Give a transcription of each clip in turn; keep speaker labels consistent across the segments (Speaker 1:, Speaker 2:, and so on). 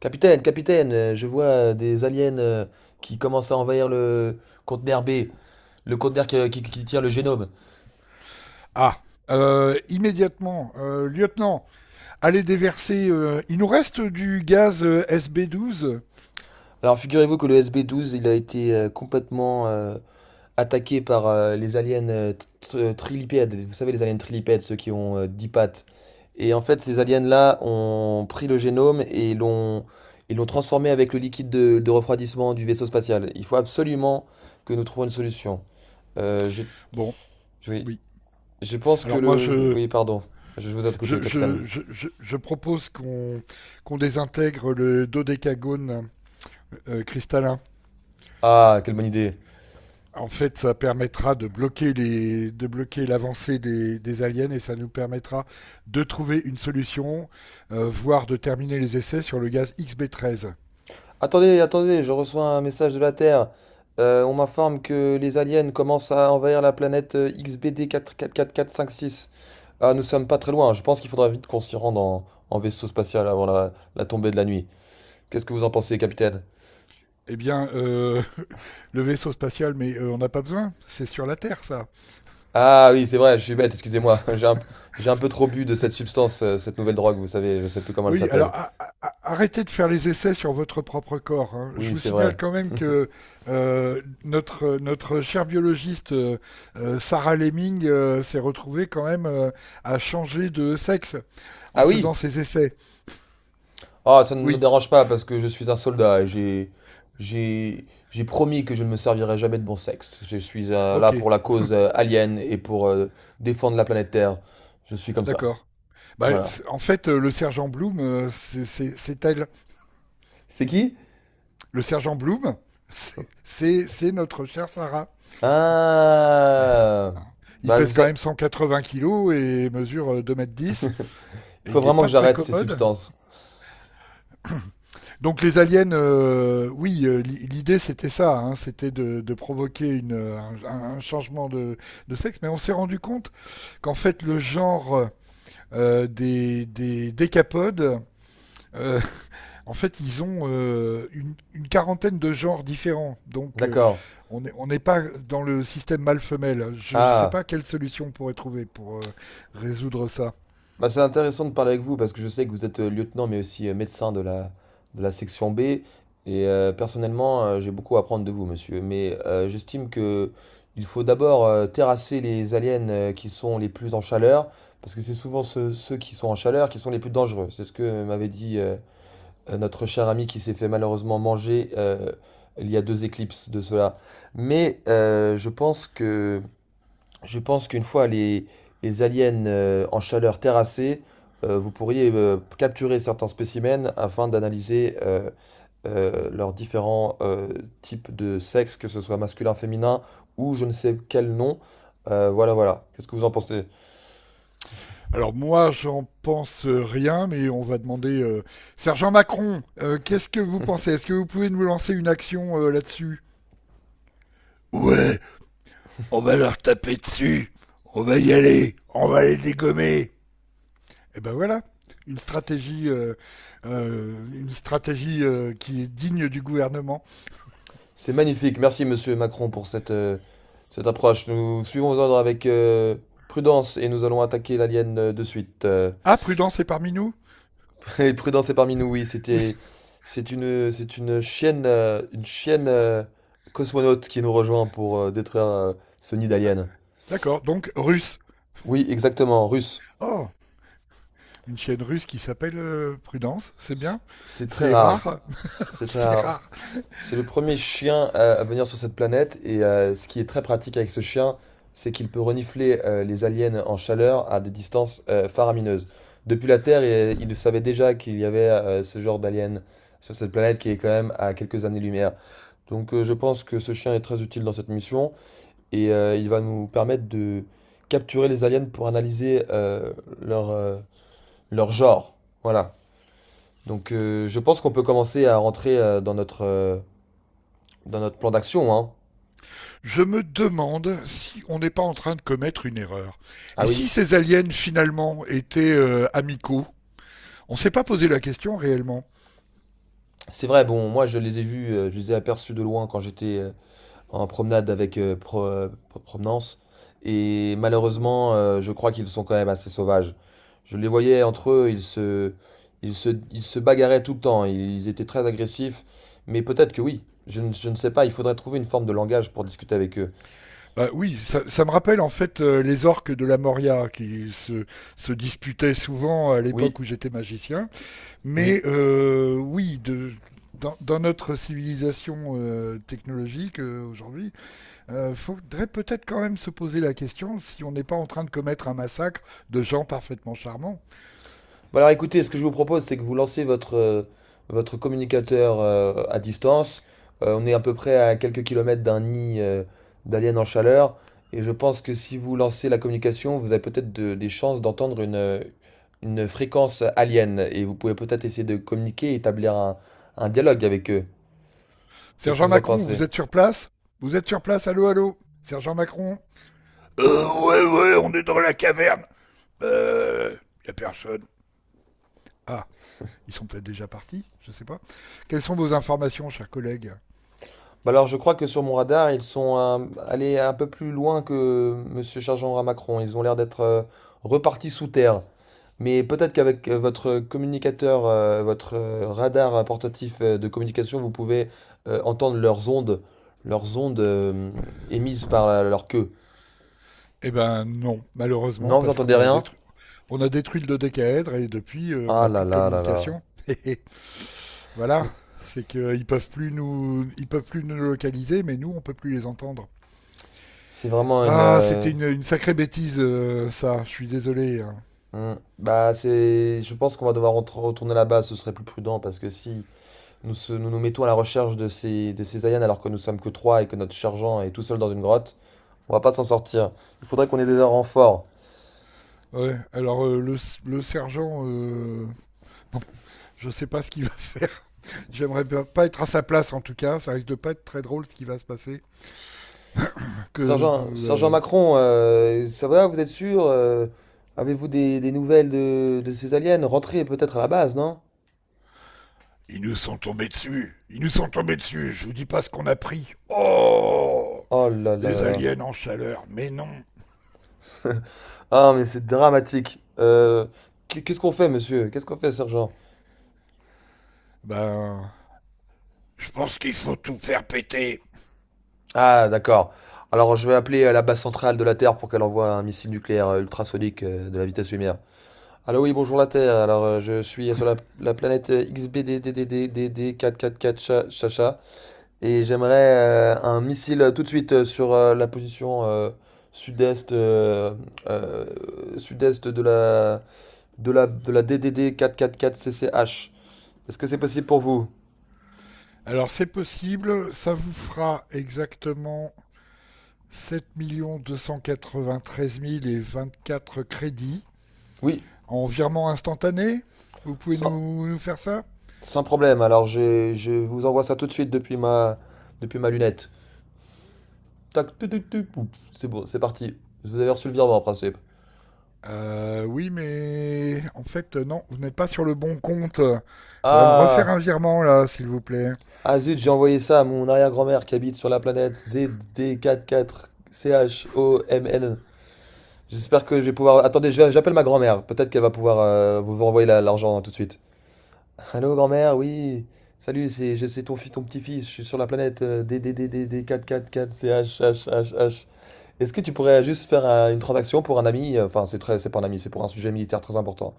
Speaker 1: Capitaine, capitaine, je vois des aliens qui commencent à envahir le conteneur B, le conteneur qui tient le génome.
Speaker 2: Ah, immédiatement, lieutenant, allez déverser. Il nous reste du gaz SB-12.
Speaker 1: Alors figurez-vous que le SB-12, il a été complètement attaqué par les aliens trilipèdes. Vous savez, les aliens trilipèdes, ceux qui ont 10 pattes. Et en fait, ces aliens-là ont pris le génome et l'ont ils l'ont transformé avec le liquide de refroidissement du vaisseau spatial. Il faut absolument que nous trouvions une solution. Euh, je,
Speaker 2: Bon,
Speaker 1: je vais-
Speaker 2: oui.
Speaker 1: Je pense que
Speaker 2: Alors moi, je,
Speaker 1: Oui, pardon. Je vous écoute,
Speaker 2: je,
Speaker 1: capitaine.
Speaker 2: je, je, je- je propose qu'on qu'on désintègre le dodécagone cristallin.
Speaker 1: Ah, quelle bonne idée.
Speaker 2: En fait, ça permettra de bloquer de bloquer l'avancée des aliens et ça nous permettra de trouver une solution, voire de terminer les essais sur le gaz XB-13.
Speaker 1: Attendez, attendez, je reçois un message de la Terre. On m'informe que les aliens commencent à envahir la planète XBD 444456. Ah, nous sommes pas très loin. Je pense qu'il faudra vite qu'on s'y rende en vaisseau spatial avant la tombée de la nuit. Qu'est-ce que vous en pensez, capitaine?
Speaker 2: Eh bien, le vaisseau spatial, mais on n'a pas besoin. C'est sur la Terre, ça.
Speaker 1: Ah oui, c'est vrai, je suis bête, excusez-moi. J'ai un peu trop bu de cette substance, cette nouvelle drogue, vous savez, je sais plus comment elle
Speaker 2: Oui, alors
Speaker 1: s'appelle.
Speaker 2: arrêtez de faire les essais sur votre propre corps, hein. Je
Speaker 1: Oui,
Speaker 2: vous
Speaker 1: c'est vrai.
Speaker 2: signale quand même que notre chère biologiste Sarah Lemming s'est retrouvée quand même à changer de sexe en
Speaker 1: Ah oui.
Speaker 2: faisant ses essais.
Speaker 1: Ah, ça ne me
Speaker 2: Oui,
Speaker 1: dérange pas parce que je suis un soldat et j'ai promis que je ne me servirai jamais de bon sexe. Je suis là
Speaker 2: ok,
Speaker 1: pour la cause alien et pour défendre la planète Terre. Je suis comme ça.
Speaker 2: d'accord. Bah,
Speaker 1: Voilà.
Speaker 2: en fait, le sergent Bloom, c'est elle.
Speaker 1: C'est qui?
Speaker 2: Le sergent Bloom, c'est notre chère Sarah.
Speaker 1: Ah.
Speaker 2: Hein. Il
Speaker 1: Bah, vous
Speaker 2: pèse quand
Speaker 1: sa-
Speaker 2: même 180 kilos et mesure 2 mètres 10.
Speaker 1: il
Speaker 2: Et
Speaker 1: faut
Speaker 2: il n'est
Speaker 1: vraiment
Speaker 2: pas
Speaker 1: que
Speaker 2: très
Speaker 1: j'arrête ces
Speaker 2: commode.
Speaker 1: substances.
Speaker 2: Donc les aliens, oui, l'idée c'était ça, hein, c'était de provoquer un changement de sexe, mais on s'est rendu compte qu'en fait le genre des décapodes, euh, en fait, ils ont une quarantaine de genres différents. Donc,
Speaker 1: D'accord.
Speaker 2: on n'est pas dans le système mâle-femelle. Je ne sais
Speaker 1: Ah.
Speaker 2: pas quelle solution on pourrait trouver pour résoudre ça.
Speaker 1: Bah, c'est intéressant de parler avec vous parce que je sais que vous êtes lieutenant mais aussi médecin de la section B et personnellement j'ai beaucoup à apprendre de vous monsieur mais j'estime que il faut d'abord terrasser les aliens qui sont les plus en chaleur parce que c'est souvent ceux qui sont en chaleur qui sont les plus dangereux. C'est ce que m'avait dit notre cher ami qui s'est fait malheureusement manger il y a deux éclipses de cela. Mais euh, je pense que je pense qu'une fois les aliens en chaleur terrassés, vous pourriez capturer certains spécimens afin d'analyser leurs différents types de sexe, que ce soit masculin, féminin ou je ne sais quel nom. Voilà. Qu'est-ce que vous en pensez?
Speaker 2: Alors, moi, j'en pense rien, mais on va demander. Sergent Macron, qu'est-ce que vous pensez? Est-ce que vous pouvez nous lancer une action là-dessus? Ouais, on va leur taper dessus. On va y aller. On va les dégommer. Et ben voilà, une stratégie, euh, une stratégie qui est digne du gouvernement.
Speaker 1: C'est magnifique. Merci, monsieur Macron, pour cette, cette approche. Nous suivons vos ordres avec prudence et nous allons attaquer l'alien de suite.
Speaker 2: Ah, Prudence est parmi nous.
Speaker 1: Et Prudence est parmi nous, oui,
Speaker 2: Oui.
Speaker 1: c'est une chienne cosmonaute qui nous rejoint pour détruire ce nid
Speaker 2: Ah,
Speaker 1: d'alien.
Speaker 2: d'accord, donc russe.
Speaker 1: Oui, exactement, russe.
Speaker 2: Oh, une chienne russe qui s'appelle Prudence, c'est
Speaker 1: C-
Speaker 2: bien.
Speaker 1: C'est très
Speaker 2: C'est
Speaker 1: rare,
Speaker 2: rare,
Speaker 1: c'est très
Speaker 2: c'est
Speaker 1: rare.
Speaker 2: rare.
Speaker 1: C'est le premier chien à venir sur cette planète et ce qui est très pratique avec ce chien, c'est qu'il peut renifler les aliens en chaleur à des distances faramineuses. Depuis la Terre, il savait déjà qu'il y avait ce genre d'alien sur cette planète qui est quand même à quelques années-lumière. Donc je pense que ce chien est très utile dans cette mission et il va nous permettre de capturer les aliens pour analyser leur, euh, leur genre. Voilà. Donc je pense qu'on peut commencer à rentrer dans notre plan d'action, hein.
Speaker 2: Je me demande si on n'est pas en train de commettre une erreur.
Speaker 1: Ah
Speaker 2: Et si
Speaker 1: oui,
Speaker 2: ces aliens finalement étaient amicaux? On s'est pas posé la question réellement.
Speaker 1: c'est vrai, bon, moi je les ai aperçus de loin quand j'étais en promenade avec provenance. Et malheureusement, je crois qu'ils sont quand même assez sauvages. Je les voyais entre eux, ils se bagarraient tout le temps, ils étaient très agressifs. Mais peut-être que oui, je ne sais pas, il faudrait trouver une forme de langage pour discuter avec eux.
Speaker 2: Bah oui, ça me rappelle en fait les orques de la Moria qui se disputaient souvent à
Speaker 1: Oui,
Speaker 2: l'époque où j'étais magicien.
Speaker 1: oui.
Speaker 2: Mais oui, dans notre civilisation technologique aujourd'hui, faudrait peut-être quand même se poser la question si on n'est pas en train de commettre un massacre de gens parfaitement charmants.
Speaker 1: Bon alors écoutez, ce que je vous propose, c'est que vous lancez votre, votre communicateur à distance. On est à peu près à quelques kilomètres d'un nid d'alien en chaleur. Et je pense que si vous lancez la communication, vous avez peut-être des chances d'entendre une fréquence alien. Et vous pouvez peut-être essayer de communiquer et établir un dialogue avec eux. Qu'est-ce que
Speaker 2: Sergent
Speaker 1: vous en
Speaker 2: Macron,
Speaker 1: pensez?
Speaker 2: vous êtes sur place? Vous êtes sur place, allô, allô Sergent Macron? Ouais, ouais, on est dans la caverne. Euh, Y a personne. Ah, ils sont peut-être déjà partis, je ne sais pas. Quelles sont vos informations, chers collègues?
Speaker 1: Bah alors je crois que sur mon radar, ils sont allés un peu plus loin que Monsieur Sergent à Macron. Ils ont l'air d'être repartis sous terre. Mais peut-être qu'avec votre communicateur, votre radar portatif de communication, vous pouvez entendre leurs ondes émises par leur queue.
Speaker 2: Eh ben non, malheureusement,
Speaker 1: Non, vous
Speaker 2: parce
Speaker 1: entendez
Speaker 2: qu'
Speaker 1: rien?
Speaker 2: on a détruit le dodécaèdre et depuis, on
Speaker 1: Ah
Speaker 2: n'a
Speaker 1: là
Speaker 2: plus de
Speaker 1: là là là.
Speaker 2: communication. Voilà,
Speaker 1: Hmm.
Speaker 2: c'est qu'ils peuvent plus nous localiser, mais nous, on peut plus les entendre.
Speaker 1: C'est vraiment une.
Speaker 2: Ah, c'était une sacrée bêtise, ça. Je suis désolé, hein.
Speaker 1: Hmm. Bah c'est. Je pense qu'on va devoir retourner là-bas. Ce serait plus prudent parce que si nous mettons à la recherche de ces aliens alors que nous sommes que trois et que notre sergent est tout seul dans une grotte, on va pas s'en sortir. Il faudrait qu'on ait des renforts.
Speaker 2: Ouais, alors le sergent, je sais pas ce qu'il va faire. J'aimerais pas être à sa place en tout cas. Ça risque de pas être très drôle ce qui va se passer. Que, que,
Speaker 1: Sergent, Sergent
Speaker 2: euh,
Speaker 1: Macron, ça va, vous êtes sûr? Avez-vous des nouvelles de ces aliens? Rentrez peut-être à la base, non?
Speaker 2: Ils nous sont tombés dessus. Ils nous sont tombés dessus. Je vous dis pas ce qu'on a pris. Oh!
Speaker 1: Oh là là
Speaker 2: Des
Speaker 1: là
Speaker 2: aliens en chaleur. Mais non.
Speaker 1: là. Ah, mais c'est dramatique. Qu'est-ce qu'on fait, monsieur? Qu'est-ce qu'on fait, sergent?
Speaker 2: Ben, je pense qu'il faut tout faire péter.
Speaker 1: Ah, d'accord. Alors, je vais appeler la base centrale de la Terre pour qu'elle envoie un missile nucléaire ultrasonique de la vitesse lumière. Allô, oui, bonjour la Terre. Alors, je suis sur la planète XBDDDDDD444 Chacha. Et j'aimerais un missile tout de suite sur la position sud-est euh, euh, sud-est de de la DDD 444CCH. Est-ce que c'est possible pour vous?
Speaker 2: Alors c'est possible, ça vous fera exactement 7 293 024 crédits
Speaker 1: Oui,
Speaker 2: en virement instantané. Vous pouvez
Speaker 1: sans,
Speaker 2: nous faire ça
Speaker 1: sans problème. Je vous envoie ça tout de suite depuis ma lunette. Tac, tu, pouf, c'est bon, c'est parti. Vous avez reçu le virement en principe.
Speaker 2: euh, Oui, mais en fait non, vous n'êtes pas sur le bon compte. Il faudrait me refaire
Speaker 1: Ah,
Speaker 2: un virement là, s'il vous plaît.
Speaker 1: ah zut, j'ai envoyé ça à mon arrière-grand-mère qui habite sur la planète ZD44CHOMN. J'espère que je vais pouvoir. Attendez, j'appelle ma grand-mère. Peut-être qu'elle va pouvoir vous renvoyer l'argent hein, tout de suite. Allô, grand-mère, oui. Salut, c'est ton petit-fils. Je suis sur la planète D D D D D 444 C H H H. H. Est-ce que tu pourrais juste faire une transaction pour un ami? Enfin, c'est pas un ami, c'est pour un sujet militaire très important.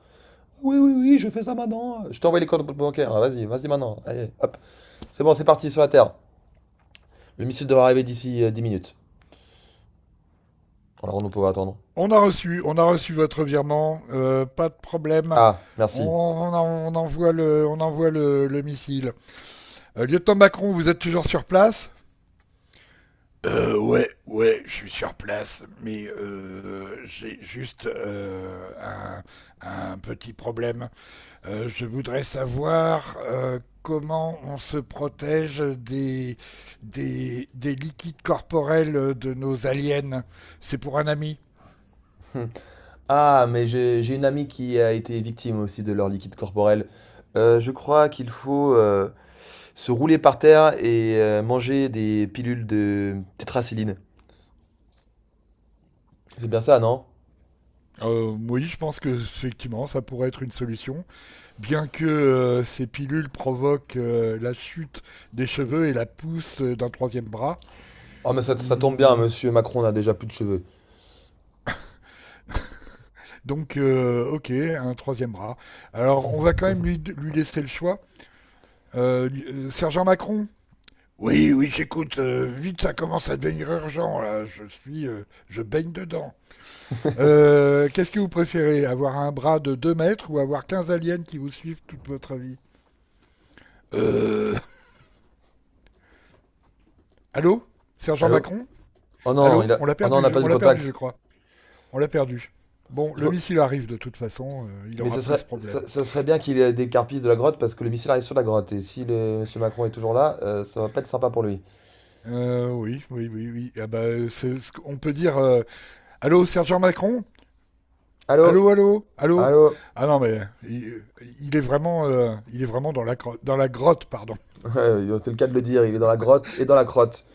Speaker 1: Oui, oui, oui, je fais ça maintenant. Je t'envoie les codes bancaires. Ah, Vas-y, vas-y maintenant. Allez, hop. C'est bon, c'est parti sur la Terre. Le missile devrait arriver d'ici 10 minutes. Alors, on ne peut pas attendre.
Speaker 2: On a reçu votre virement, pas de problème.
Speaker 1: Ah,
Speaker 2: On,
Speaker 1: merci.
Speaker 2: on on envoie le missile. Lieutenant Macron, vous êtes toujours sur place? Ouais, ouais, je suis sur place, mais j'ai juste un petit problème. Je voudrais savoir comment on se protège des liquides corporels de nos aliens. C'est pour un ami.
Speaker 1: Hum. Ah, mais j'ai une amie qui a été victime aussi de leur liquide corporel. Je crois qu'il faut se rouler par terre et manger des pilules de tétracilline. C'est bien ça, non?
Speaker 2: Oui, je pense que effectivement, ça pourrait être une solution, bien que ces pilules provoquent la chute des cheveux et la pousse d'un troisième bras.
Speaker 1: Oh, mais ça tombe bien,
Speaker 2: Hmm,
Speaker 1: monsieur Macron n'a déjà plus de cheveux.
Speaker 2: Donc, ok, un troisième bras. Alors, on va quand même lui laisser le choix. Sergent Macron? Oui, oui, j'écoute, vite, ça commence à devenir urgent. Là, je baigne dedans. Qu'est-ce que vous préférez, avoir un bras de 2 mètres ou avoir 15 aliens qui vous suivent toute votre vie? Euh, Allô Sergent
Speaker 1: Allô?
Speaker 2: Macron?
Speaker 1: Oh non,
Speaker 2: Allô?
Speaker 1: oh non, on n'a pas eu
Speaker 2: On
Speaker 1: le
Speaker 2: l'a perdu, je
Speaker 1: contact.
Speaker 2: crois. On l'a perdu. Bon,
Speaker 1: Il
Speaker 2: le
Speaker 1: faut...
Speaker 2: missile arrive de toute façon, il
Speaker 1: Mais
Speaker 2: aura plus ce problème.
Speaker 1: ça serait bien qu'il ait des carpisses de la grotte parce que le missile arrive sur la grotte. Et si le monsieur Macron est toujours là, ça va pas être sympa pour lui.
Speaker 2: Oui, oui, oui, oui. Ah bah, c'est ce qu'on peut dire. Allô, Sergent Macron?
Speaker 1: Allô?
Speaker 2: Allô, allô, allô?
Speaker 1: Allô?
Speaker 2: Ah non, mais il est vraiment dans la grotte, pardon.
Speaker 1: C'est le cas de le dire, il est dans la grotte et dans la crotte.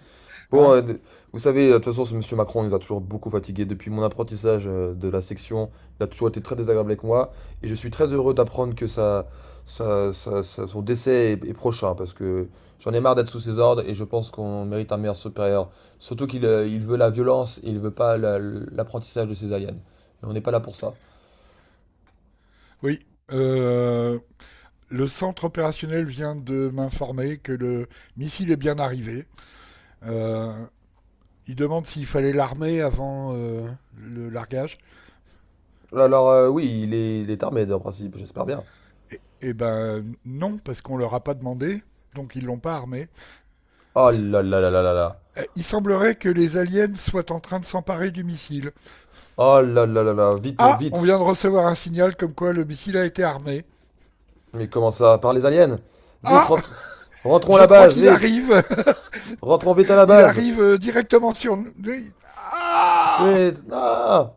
Speaker 1: Bon,
Speaker 2: Hein?
Speaker 1: euh, de- Vous savez, de toute façon, ce monsieur Macron nous a toujours beaucoup fatigués depuis mon apprentissage de la section. Il a toujours été très désagréable avec moi. Et je suis très heureux d'apprendre que son décès est prochain, parce que j'en ai marre d'être sous ses ordres et je pense qu'on mérite un meilleur supérieur. Surtout qu'il il veut la violence et il veut pas l'apprentissage de ses aliens. Et on n'est pas là pour ça.
Speaker 2: Oui. Le centre opérationnel vient de m'informer que le missile est bien arrivé. Euh, Il demande s'il fallait l'armer avant le largage.
Speaker 1: Alors, oui, il est armé, en principe, j'espère bien.
Speaker 2: Et ben non, parce qu'on leur a pas demandé, donc ils l'ont pas armé.
Speaker 1: Oh là là là là là là.
Speaker 2: Il semblerait que les aliens soient en train de s'emparer du missile.
Speaker 1: Oh là là là là.
Speaker 2: Ah, on
Speaker 1: Vite.
Speaker 2: vient de recevoir un signal comme quoi le missile a été armé.
Speaker 1: Mais comment ça? Par les aliens? Vite,
Speaker 2: Ah,
Speaker 1: rentre- Rentrons à
Speaker 2: je
Speaker 1: la
Speaker 2: crois
Speaker 1: base,
Speaker 2: qu'il
Speaker 1: vite.
Speaker 2: arrive.
Speaker 1: Rentrons vite à la
Speaker 2: Il
Speaker 1: base.
Speaker 2: arrive directement sur nous. Ah!
Speaker 1: Vite. Ah.